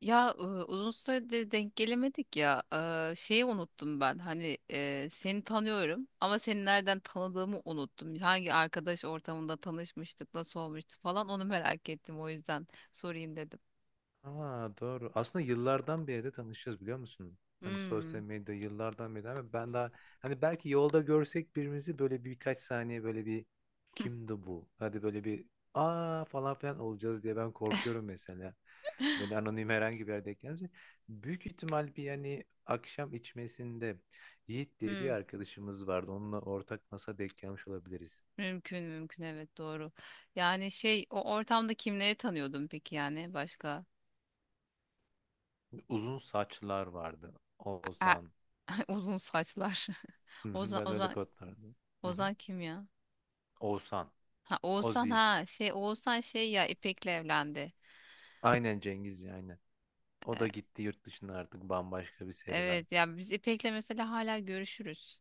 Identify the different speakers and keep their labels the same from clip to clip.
Speaker 1: Ya, uzun süredir denk gelemedik ya. Şeyi unuttum ben. Hani seni tanıyorum ama seni nereden tanıdığımı unuttum. Hangi arkadaş ortamında tanışmıştık, nasıl olmuştu falan onu merak ettim. O yüzden sorayım dedim.
Speaker 2: Aa, doğru. Aslında yıllardan beri de tanışıyoruz biliyor musun? Hani
Speaker 1: Hmm.
Speaker 2: sosyal medya yıllardan beri ama ben daha hani belki yolda görsek birimizi böyle birkaç saniye böyle bir kimdi bu? Hadi böyle bir aa falan filan olacağız diye ben korkuyorum mesela. Böyle anonim herhangi bir yerde gelince. Büyük ihtimal bir yani akşam içmesinde Yiğit diye
Speaker 1: Hmm.
Speaker 2: bir arkadaşımız vardı. Onunla ortak masa denk gelmiş olabiliriz.
Speaker 1: Mümkün, mümkün, evet, doğru. Yani şey, o ortamda kimleri tanıyordun peki, yani başka?
Speaker 2: Uzun saçlar vardı.
Speaker 1: E,
Speaker 2: Oğuzhan.
Speaker 1: uzun saçlar.
Speaker 2: Hı hı,
Speaker 1: Ozan,
Speaker 2: ben öyle
Speaker 1: Ozan,
Speaker 2: kodlardım. Hı hı.
Speaker 1: Ozan kim ya?
Speaker 2: Oğuzhan.
Speaker 1: Ha, Oğuzhan.
Speaker 2: Ozi.
Speaker 1: Ha, şey, Oğuzhan, şey ya, İpek'le evlendi.
Speaker 2: Aynen Cengiz ya aynen. O da gitti yurt dışına artık bambaşka bir serüven.
Speaker 1: Evet ya, biz İpek'le mesela hala görüşürüz.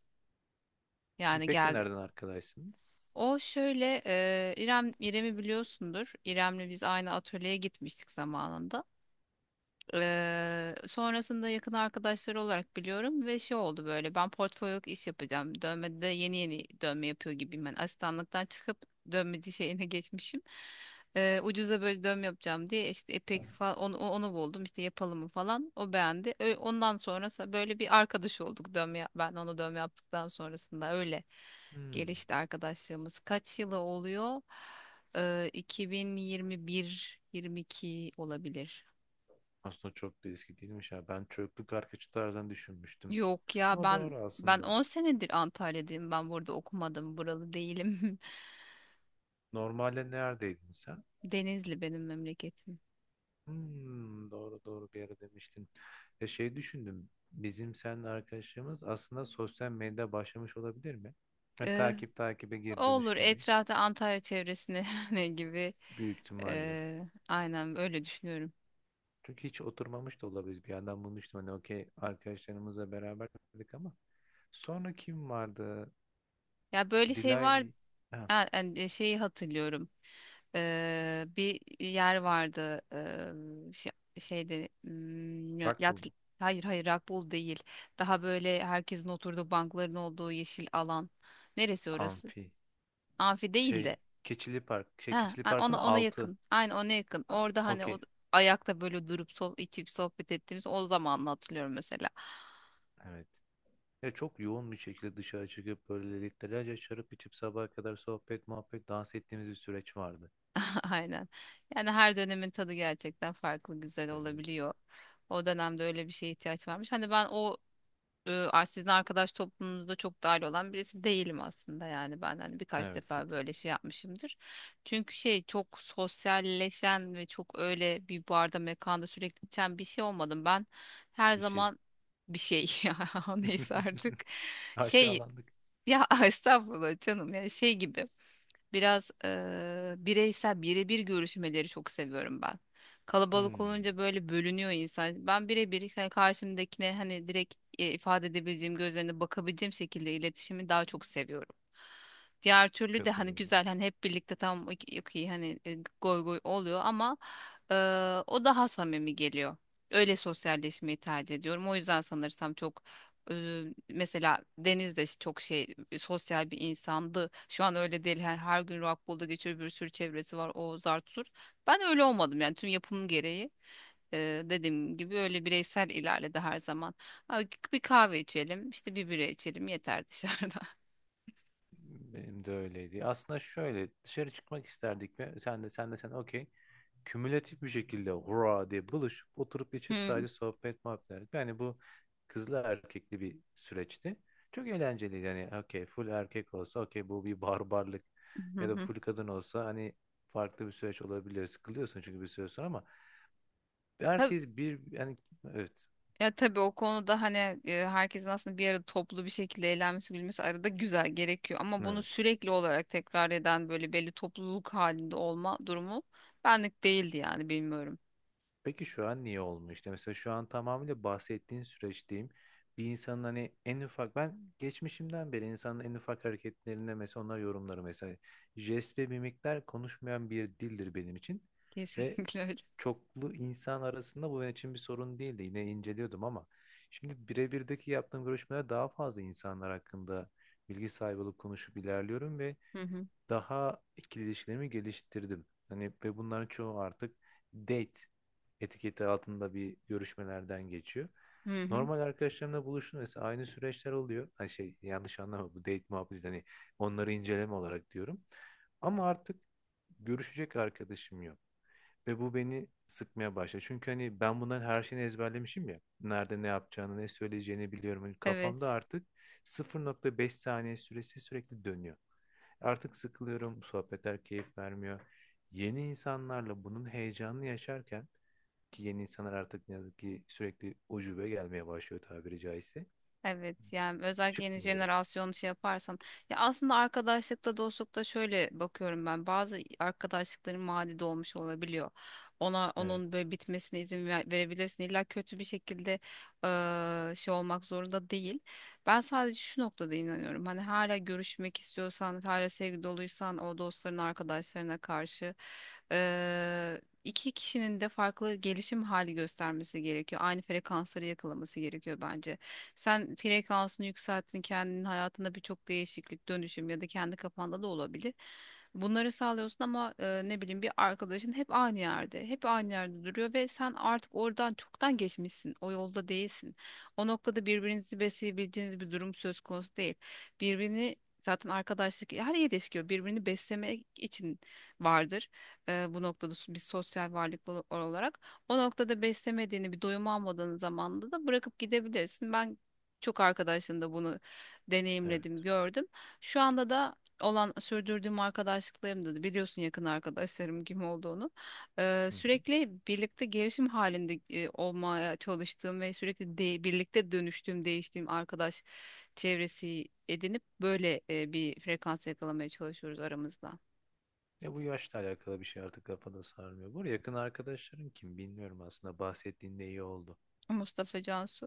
Speaker 2: Siz
Speaker 1: Yani
Speaker 2: pek de
Speaker 1: geldi.
Speaker 2: nereden arkadaşsınız?
Speaker 1: O şöyle, İrem'i biliyorsundur. İrem'le biz aynı atölyeye gitmiştik zamanında. Sonrasında yakın arkadaşları olarak biliyorum ve şey oldu, böyle ben portfolyoluk iş yapacağım. Dövmede de yeni yeni dövme yapıyor gibiyim ben. Asistanlıktan çıkıp dövmeci şeyine geçmişim. Ucuza böyle dövme yapacağım diye işte epek falan, onu buldum işte, yapalım mı falan. O beğendi. Ondan sonra böyle bir arkadaş olduk, ben onu dövme yaptıktan sonrasında öyle
Speaker 2: Hmm.
Speaker 1: gelişti arkadaşlığımız. Kaç yılı oluyor? 2021, 22 olabilir.
Speaker 2: Aslında çok da eski değilmiş ya. Ben çocukluk arkadaşı tarzından düşünmüştüm.
Speaker 1: Yok ya,
Speaker 2: Ama
Speaker 1: ben
Speaker 2: doğru
Speaker 1: ben
Speaker 2: aslında.
Speaker 1: 10 senedir Antalya'dayım. Ben burada okumadım. Buralı değilim.
Speaker 2: Normalde neredeydin sen?
Speaker 1: Denizli benim memleketim.
Speaker 2: Hmm, doğru doğru bir ara demiştin. Ya şey düşündüm. Bizim seninle arkadaşlığımız aslında sosyal medyada başlamış olabilir mi? Yani
Speaker 1: Ee,
Speaker 2: takip takibe geri dönüş
Speaker 1: olur,
Speaker 2: gibi.
Speaker 1: etrafta Antalya çevresine ne gibi.
Speaker 2: Büyük ihtimalle.
Speaker 1: Ee, aynen öyle düşünüyorum.
Speaker 2: Çünkü hiç oturmamış da olabiliriz. Bir yandan bunu düşündüm. Hani okey arkadaşlarımızla beraber dedik ama sonra kim vardı?
Speaker 1: Ya böyle şey var.
Speaker 2: Dilay ha,
Speaker 1: Ha, hani, şeyi hatırlıyorum. Bir yer vardı. Şey, şeyde,
Speaker 2: Rockpool
Speaker 1: yat.
Speaker 2: mu?
Speaker 1: Hayır, hayır, rakbul değil. Daha böyle herkesin oturduğu bankların olduğu yeşil alan. Neresi orası?
Speaker 2: Amfi
Speaker 1: Amfi değil
Speaker 2: şey
Speaker 1: de.
Speaker 2: Keçili Park şey
Speaker 1: Ha,
Speaker 2: Keçili Park'ın
Speaker 1: ona
Speaker 2: altı.
Speaker 1: yakın. Aynı ona yakın.
Speaker 2: A-
Speaker 1: Orada hani o
Speaker 2: Okey.
Speaker 1: ayakta böyle durup sohbet, içip sohbet ettiğimiz o zaman hatırlıyorum mesela.
Speaker 2: Evet. Ya çok yoğun bir şekilde dışarı çıkıp böyle litrelerce şarap içip sabaha kadar sohbet, muhabbet, dans ettiğimiz bir süreç vardı.
Speaker 1: Aynen. Yani her dönemin tadı gerçekten farklı güzel
Speaker 2: Evet.
Speaker 1: olabiliyor. O dönemde öyle bir şeye ihtiyaç varmış. Hani ben o, sizin arkadaş toplumunuza çok dahil olan birisi değilim aslında, yani ben hani birkaç
Speaker 2: Evet bir
Speaker 1: defa
Speaker 2: tık
Speaker 1: böyle şey yapmışımdır. Çünkü şey çok sosyalleşen ve çok öyle bir barda mekanda sürekli içen bir şey olmadım. Ben her
Speaker 2: bir şey.
Speaker 1: zaman bir şey ya neyse artık, şey,
Speaker 2: Aşağılandık.
Speaker 1: ya estağfurullah canım, yani şey gibi. Biraz bireysel, birebir görüşmeleri çok seviyorum ben. Kalabalık
Speaker 2: Hmm,
Speaker 1: olunca böyle bölünüyor insan. Ben birebir, hani karşımdakine, hani direkt ifade edebileceğim, gözlerine bakabileceğim şekilde iletişimi daha çok seviyorum. Diğer türlü de hani
Speaker 2: katılıyorum.
Speaker 1: güzel, hani hep birlikte tam iyi, hani goy goy oluyor ama eee, o daha samimi geliyor. Öyle sosyalleşmeyi tercih ediyorum. O yüzden sanırsam çok, e, mesela Deniz de çok şey, sosyal bir insandı. Şu an öyle değil. Her gün Rockpool'da geçiyor, bir sürü çevresi var. O zart zurt. Ben öyle olmadım yani, tüm yapım gereği. Dediğim gibi öyle bireysel ilerledi her zaman. Ha, bir kahve içelim, işte bir bira içelim yeter dışarıda.
Speaker 2: Benim de öyleydi. Aslında şöyle dışarı çıkmak isterdik ve sen okey. Kümülatif bir şekilde hurra diye buluşup oturup içip sadece sohbet muhabbet ederdik. Yani bu kızlı erkekli bir süreçti. Çok eğlenceliydi. Yani okey full erkek olsa okey bu bir barbarlık ya da
Speaker 1: Hmm.
Speaker 2: full kadın olsa hani farklı bir süreç olabiliyor. Sıkılıyorsun çünkü bir süre sonra ama herkes bir yani evet.
Speaker 1: Ya tabii o konuda hani herkesin aslında bir arada toplu bir şekilde eğlenmesi, gülmesi arada güzel gerekiyor. Ama bunu
Speaker 2: Evet.
Speaker 1: sürekli olarak tekrar eden böyle belli topluluk halinde olma durumu benlik değildi yani, bilmiyorum.
Speaker 2: Peki şu an niye olmuyor? İşte mesela şu an tamamıyla bahsettiğin süreçteyim. Bir insanın hani en ufak ben geçmişimden beri insanın en ufak hareketlerinde mesela onlar yorumları mesela jest ve mimikler konuşmayan bir dildir benim için ve
Speaker 1: Kesinlikle öyle.
Speaker 2: çoklu insan arasında bu benim için bir sorun değildi. Yine inceliyordum ama şimdi birebirdeki yaptığım görüşmeler daha fazla insanlar hakkında bilgi sahibi olup konuşup ilerliyorum ve
Speaker 1: Hı hı.
Speaker 2: daha ikili ilişkilerimi geliştirdim. Hani ve bunların çoğu artık date etiketi altında bir görüşmelerden geçiyor.
Speaker 1: Hı hı.
Speaker 2: Normal arkadaşlarımla buluştum mesela aynı süreçler oluyor. Hani şey yanlış anlama bu date muhabbeti hani onları inceleme olarak diyorum. Ama artık görüşecek arkadaşım yok. Ve bu beni sıkmaya başladı. Çünkü hani ben bunların her şeyini ezberlemişim ya. Nerede ne yapacağını, ne söyleyeceğini biliyorum. Hani
Speaker 1: Evet.
Speaker 2: kafamda artık 0,5 saniye süresi sürekli dönüyor. Artık sıkılıyorum, bu sohbetler keyif vermiyor. Yeni insanlarla bunun heyecanını yaşarken ki yeni insanlar artık ne yazık ki sürekli ucube gelmeye başlıyor tabiri caizse.
Speaker 1: Evet, yani özellikle yeni
Speaker 2: Çıkmıyorum.
Speaker 1: jenerasyon şey yaparsan, ya, aslında arkadaşlıkta, dostlukta şöyle bakıyorum ben. Bazı arkadaşlıkların maddi de olabiliyor. Ona,
Speaker 2: Evet,
Speaker 1: onun böyle bitmesine verebilirsin, illa kötü bir şekilde şey olmak zorunda değil. Ben sadece şu noktada inanıyorum, hani hala görüşmek istiyorsan, hala sevgi doluysan o dostların arkadaşlarına karşı, iki kişinin de farklı gelişim hali göstermesi gerekiyor, aynı frekansları yakalaması gerekiyor bence. Sen frekansını yükselttin, kendinin hayatında birçok değişiklik, dönüşüm, ya da kendi kafanda da olabilir. Bunları sağlıyorsun ama ne bileyim, bir arkadaşın hep aynı yerde, hep aynı yerde duruyor ve sen artık oradan çoktan geçmişsin, o yolda değilsin. O noktada birbirinizi besleyebileceğiniz bir durum söz konusu değil. Birbirini Zaten arkadaşlık, her ilişki birbirini beslemek için vardır. Bu noktada bir sosyal varlık olarak. O noktada beslemediğini, bir doyum almadığın zamanda da bırakıp gidebilirsin. Ben çok arkadaşın da bunu deneyimledim,
Speaker 2: evet.
Speaker 1: gördüm. Şu anda da olan sürdürdüğüm arkadaşlıklarımda da biliyorsun yakın arkadaşlarım kim olduğunu.
Speaker 2: Hı hı.
Speaker 1: Sürekli birlikte gelişim halinde olmaya çalıştığım ve sürekli birlikte dönüştüğüm, değiştiğim arkadaş çevresi edinip böyle, bir frekans yakalamaya çalışıyoruz aramızda.
Speaker 2: Ya bu yaşla alakalı bir şey artık kafada sarmıyor. Bu arada yakın arkadaşların kim bilmiyorum aslında bahsettiğinde iyi oldu.
Speaker 1: Mustafa, Cansu.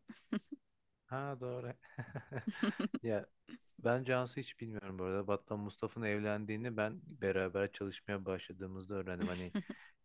Speaker 2: Ha doğru. Ya ben Cansu hiç bilmiyorum bu arada. Battal Mustafa'nın evlendiğini ben beraber çalışmaya başladığımızda öğrendim. Hani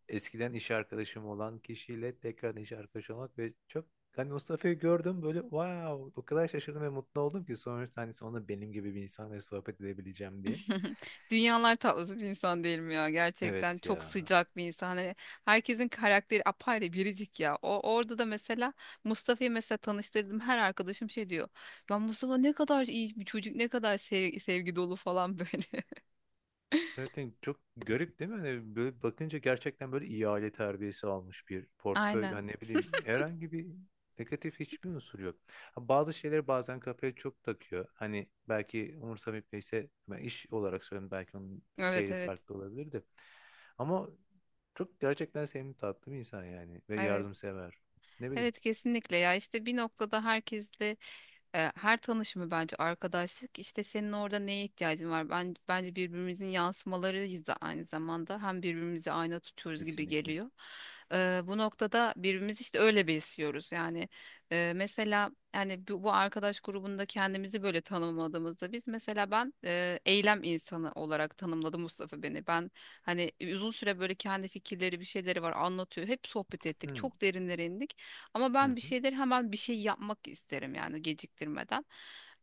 Speaker 2: eskiden iş arkadaşım olan kişiyle tekrar iş arkadaşı olmak ve çok hani Mustafa'yı gördüm böyle wow o kadar şaşırdım ve mutlu oldum ki sonuçta hani sonunda benim gibi bir insanla sohbet edebileceğim diye.
Speaker 1: Dünyalar tatlısı bir insan değilim ya, gerçekten
Speaker 2: Evet
Speaker 1: çok
Speaker 2: ya.
Speaker 1: sıcak bir insan, hani herkesin karakteri apayrı, biricik ya. O orada da mesela Mustafa'yı mesela tanıştırdım, her arkadaşım şey diyor: ya Mustafa ne kadar iyi bir çocuk, ne kadar sevgi dolu falan böyle.
Speaker 2: Gerçekten çok garip değil mi? Hani böyle bakınca gerçekten böyle iyi aile terbiyesi almış bir portföy.
Speaker 1: Aynen.
Speaker 2: Hani ne bileyim herhangi bir negatif hiçbir unsur yok. Ha, bazı şeyleri bazen kafaya çok takıyor. Hani belki umursamayıp neyse ben iş olarak söylüyorum belki onun
Speaker 1: Evet,
Speaker 2: şeyi
Speaker 1: evet,
Speaker 2: farklı olabilir de. Ama çok gerçekten sevimli tatlı bir insan yani ve
Speaker 1: evet,
Speaker 2: yardımsever. Ne bileyim.
Speaker 1: evet, kesinlikle ya, işte bir noktada herkesle, her tanışımı bence arkadaşlık, işte senin orada neye ihtiyacın var, ben bence birbirimizin yansımalarıyız da aynı zamanda, hem birbirimizi ayna tutuyoruz gibi
Speaker 2: Kesinlikle.
Speaker 1: geliyor. Bu noktada birbirimizi işte öyle besliyoruz yani, mesela yani bu arkadaş grubunda kendimizi böyle tanımladığımızda, biz mesela, ben eylem insanı olarak tanımladı Mustafa beni. Ben hani uzun süre böyle kendi fikirleri, bir şeyleri var, anlatıyor, hep sohbet ettik,
Speaker 2: Hı
Speaker 1: çok derinlere indik ama
Speaker 2: hı
Speaker 1: ben bir
Speaker 2: hı.
Speaker 1: şeyleri hemen bir şey yapmak isterim yani, geciktirmeden.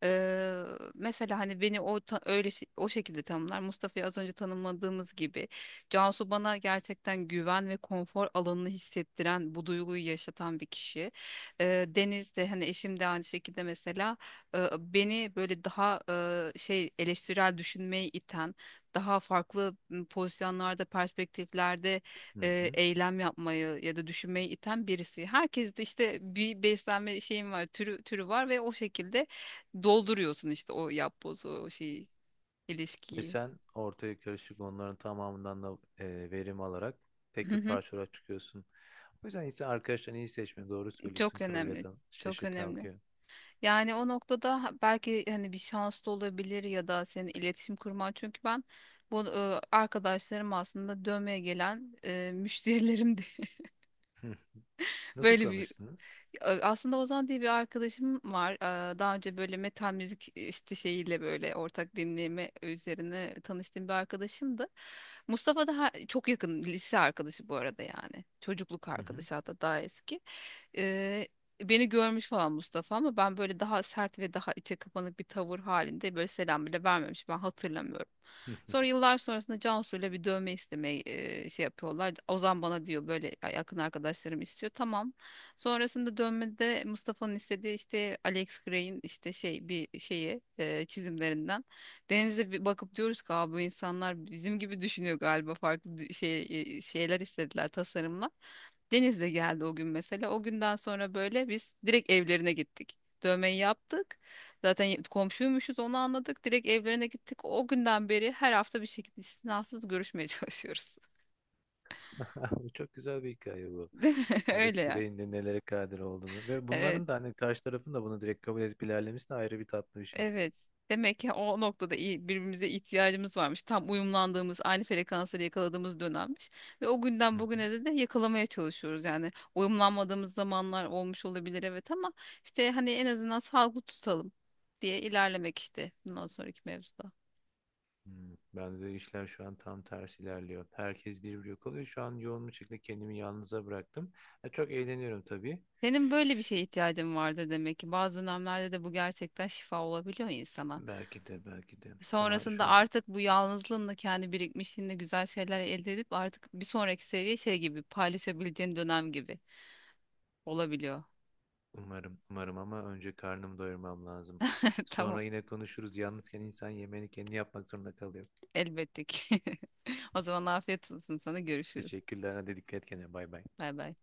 Speaker 1: Ee, Mesela hani beni o öyle o şekilde tanımlar. Mustafa'yı az önce tanımladığımız gibi, Cansu bana gerçekten güven ve konfor alanını hissettiren, bu duyguyu yaşatan bir kişi. Deniz de, hani eşim de aynı şekilde, mesela beni böyle daha şey, eleştirel düşünmeyi iten, daha farklı pozisyonlarda, perspektiflerde
Speaker 2: Hı.
Speaker 1: eylem yapmayı ya da düşünmeyi iten birisi. Herkes de işte bir beslenme şeyim var, türü türü var ve o şekilde dolduruyorsun işte o yapbozu, o şeyi,
Speaker 2: Ve
Speaker 1: ilişkiyi.
Speaker 2: sen ortaya karışık onların tamamından da verim alarak tek
Speaker 1: Hı
Speaker 2: bir
Speaker 1: hı.
Speaker 2: parçalara çıkıyorsun. O yüzden ise arkadaşlarını iyi seçme. Doğru söylüyorsun.
Speaker 1: Çok
Speaker 2: Körle
Speaker 1: önemli.
Speaker 2: yatan
Speaker 1: Çok
Speaker 2: şaşı
Speaker 1: önemli.
Speaker 2: kalkıyor.
Speaker 1: Yani o noktada belki hani bir şans da olabilir ya da senin iletişim kurman. Çünkü ben bu, arkadaşlarım aslında dövmeye gelen müşterilerimdi.
Speaker 2: Hı. Nasıl
Speaker 1: Böyle bir
Speaker 2: tanıştınız?
Speaker 1: Aslında Ozan diye bir arkadaşım var. Aa, daha önce böyle metal müzik işte şeyiyle, böyle ortak dinleme üzerine tanıştığım bir arkadaşımdı. Mustafa da çok yakın lise arkadaşı, bu arada yani. Çocukluk
Speaker 2: Hı hı.
Speaker 1: arkadaşı, hatta daha eski. Ee, Beni görmüş falan Mustafa ama ben böyle daha sert ve daha içe kapanık bir tavır halinde böyle selam bile vermemiş. Ben hatırlamıyorum. Sonra yıllar sonrasında Cansu'yla bir dövme istemeye şey yapıyorlar. Ozan bana diyor böyle, yakın arkadaşlarım istiyor. Tamam. Sonrasında dönmede Mustafa'nın istediği işte Alex Gray'in işte şey bir şeyi, çizimlerinden denize bir bakıp diyoruz ki: "Aa, bu insanlar bizim gibi düşünüyor galiba, farklı şey, şeyler istediler, tasarımlar." Deniz de geldi o gün mesela. O günden sonra böyle biz direkt evlerine gittik. Dövmeyi yaptık. Zaten komşuymuşuz, onu anladık. Direkt evlerine gittik. O günden beri her hafta bir şekilde istinasız görüşmeye çalışıyoruz.
Speaker 2: Bu çok güzel bir hikaye bu.
Speaker 1: Değil mi? Öyle
Speaker 2: Alex
Speaker 1: ya.
Speaker 2: Gray'in de nelere kadir olduğunu ve
Speaker 1: Ee,
Speaker 2: bunların da hani karşı tarafın da bunu direkt kabul edip ilerlemesi de ayrı bir tatlı bir şey.
Speaker 1: Evet. Demek ki o noktada birbirimize ihtiyacımız varmış. Tam uyumlandığımız, aynı frekansları yakaladığımız dönemmiş. Ve o günden
Speaker 2: Hı hı.
Speaker 1: bugüne de yakalamaya çalışıyoruz. Yani uyumlanmadığımız zamanlar olmuş olabilir evet, ama işte hani en azından sağlıklı tutalım diye ilerlemek işte, bundan sonraki mevzuda.
Speaker 2: Hmm, bende de işler şu an tam tersi ilerliyor. Herkes birbiri yok oluyor. Şu an yoğun bir şekilde kendimi yalnıza bıraktım. Ya çok eğleniyorum tabii.
Speaker 1: Senin böyle bir şeye ihtiyacın vardır demek ki. Bazı dönemlerde de bu gerçekten şifa olabiliyor insana.
Speaker 2: Belki de belki de ama
Speaker 1: Sonrasında
Speaker 2: şu an
Speaker 1: artık bu yalnızlığınla, kendi birikmişliğinle güzel şeyler elde edip artık bir sonraki seviye şey gibi paylaşabileceğin dönem gibi olabiliyor.
Speaker 2: umarım umarım ama önce karnımı doyurmam lazım.
Speaker 1: Tamam.
Speaker 2: Sonra yine konuşuruz. Yalnızken insan yemeğini kendi yapmak zorunda kalıyor.
Speaker 1: Elbette ki. O zaman afiyet olsun sana, görüşürüz.
Speaker 2: Teşekkürler. Hadi dikkat et kendine. Bay bay.
Speaker 1: Bay bay.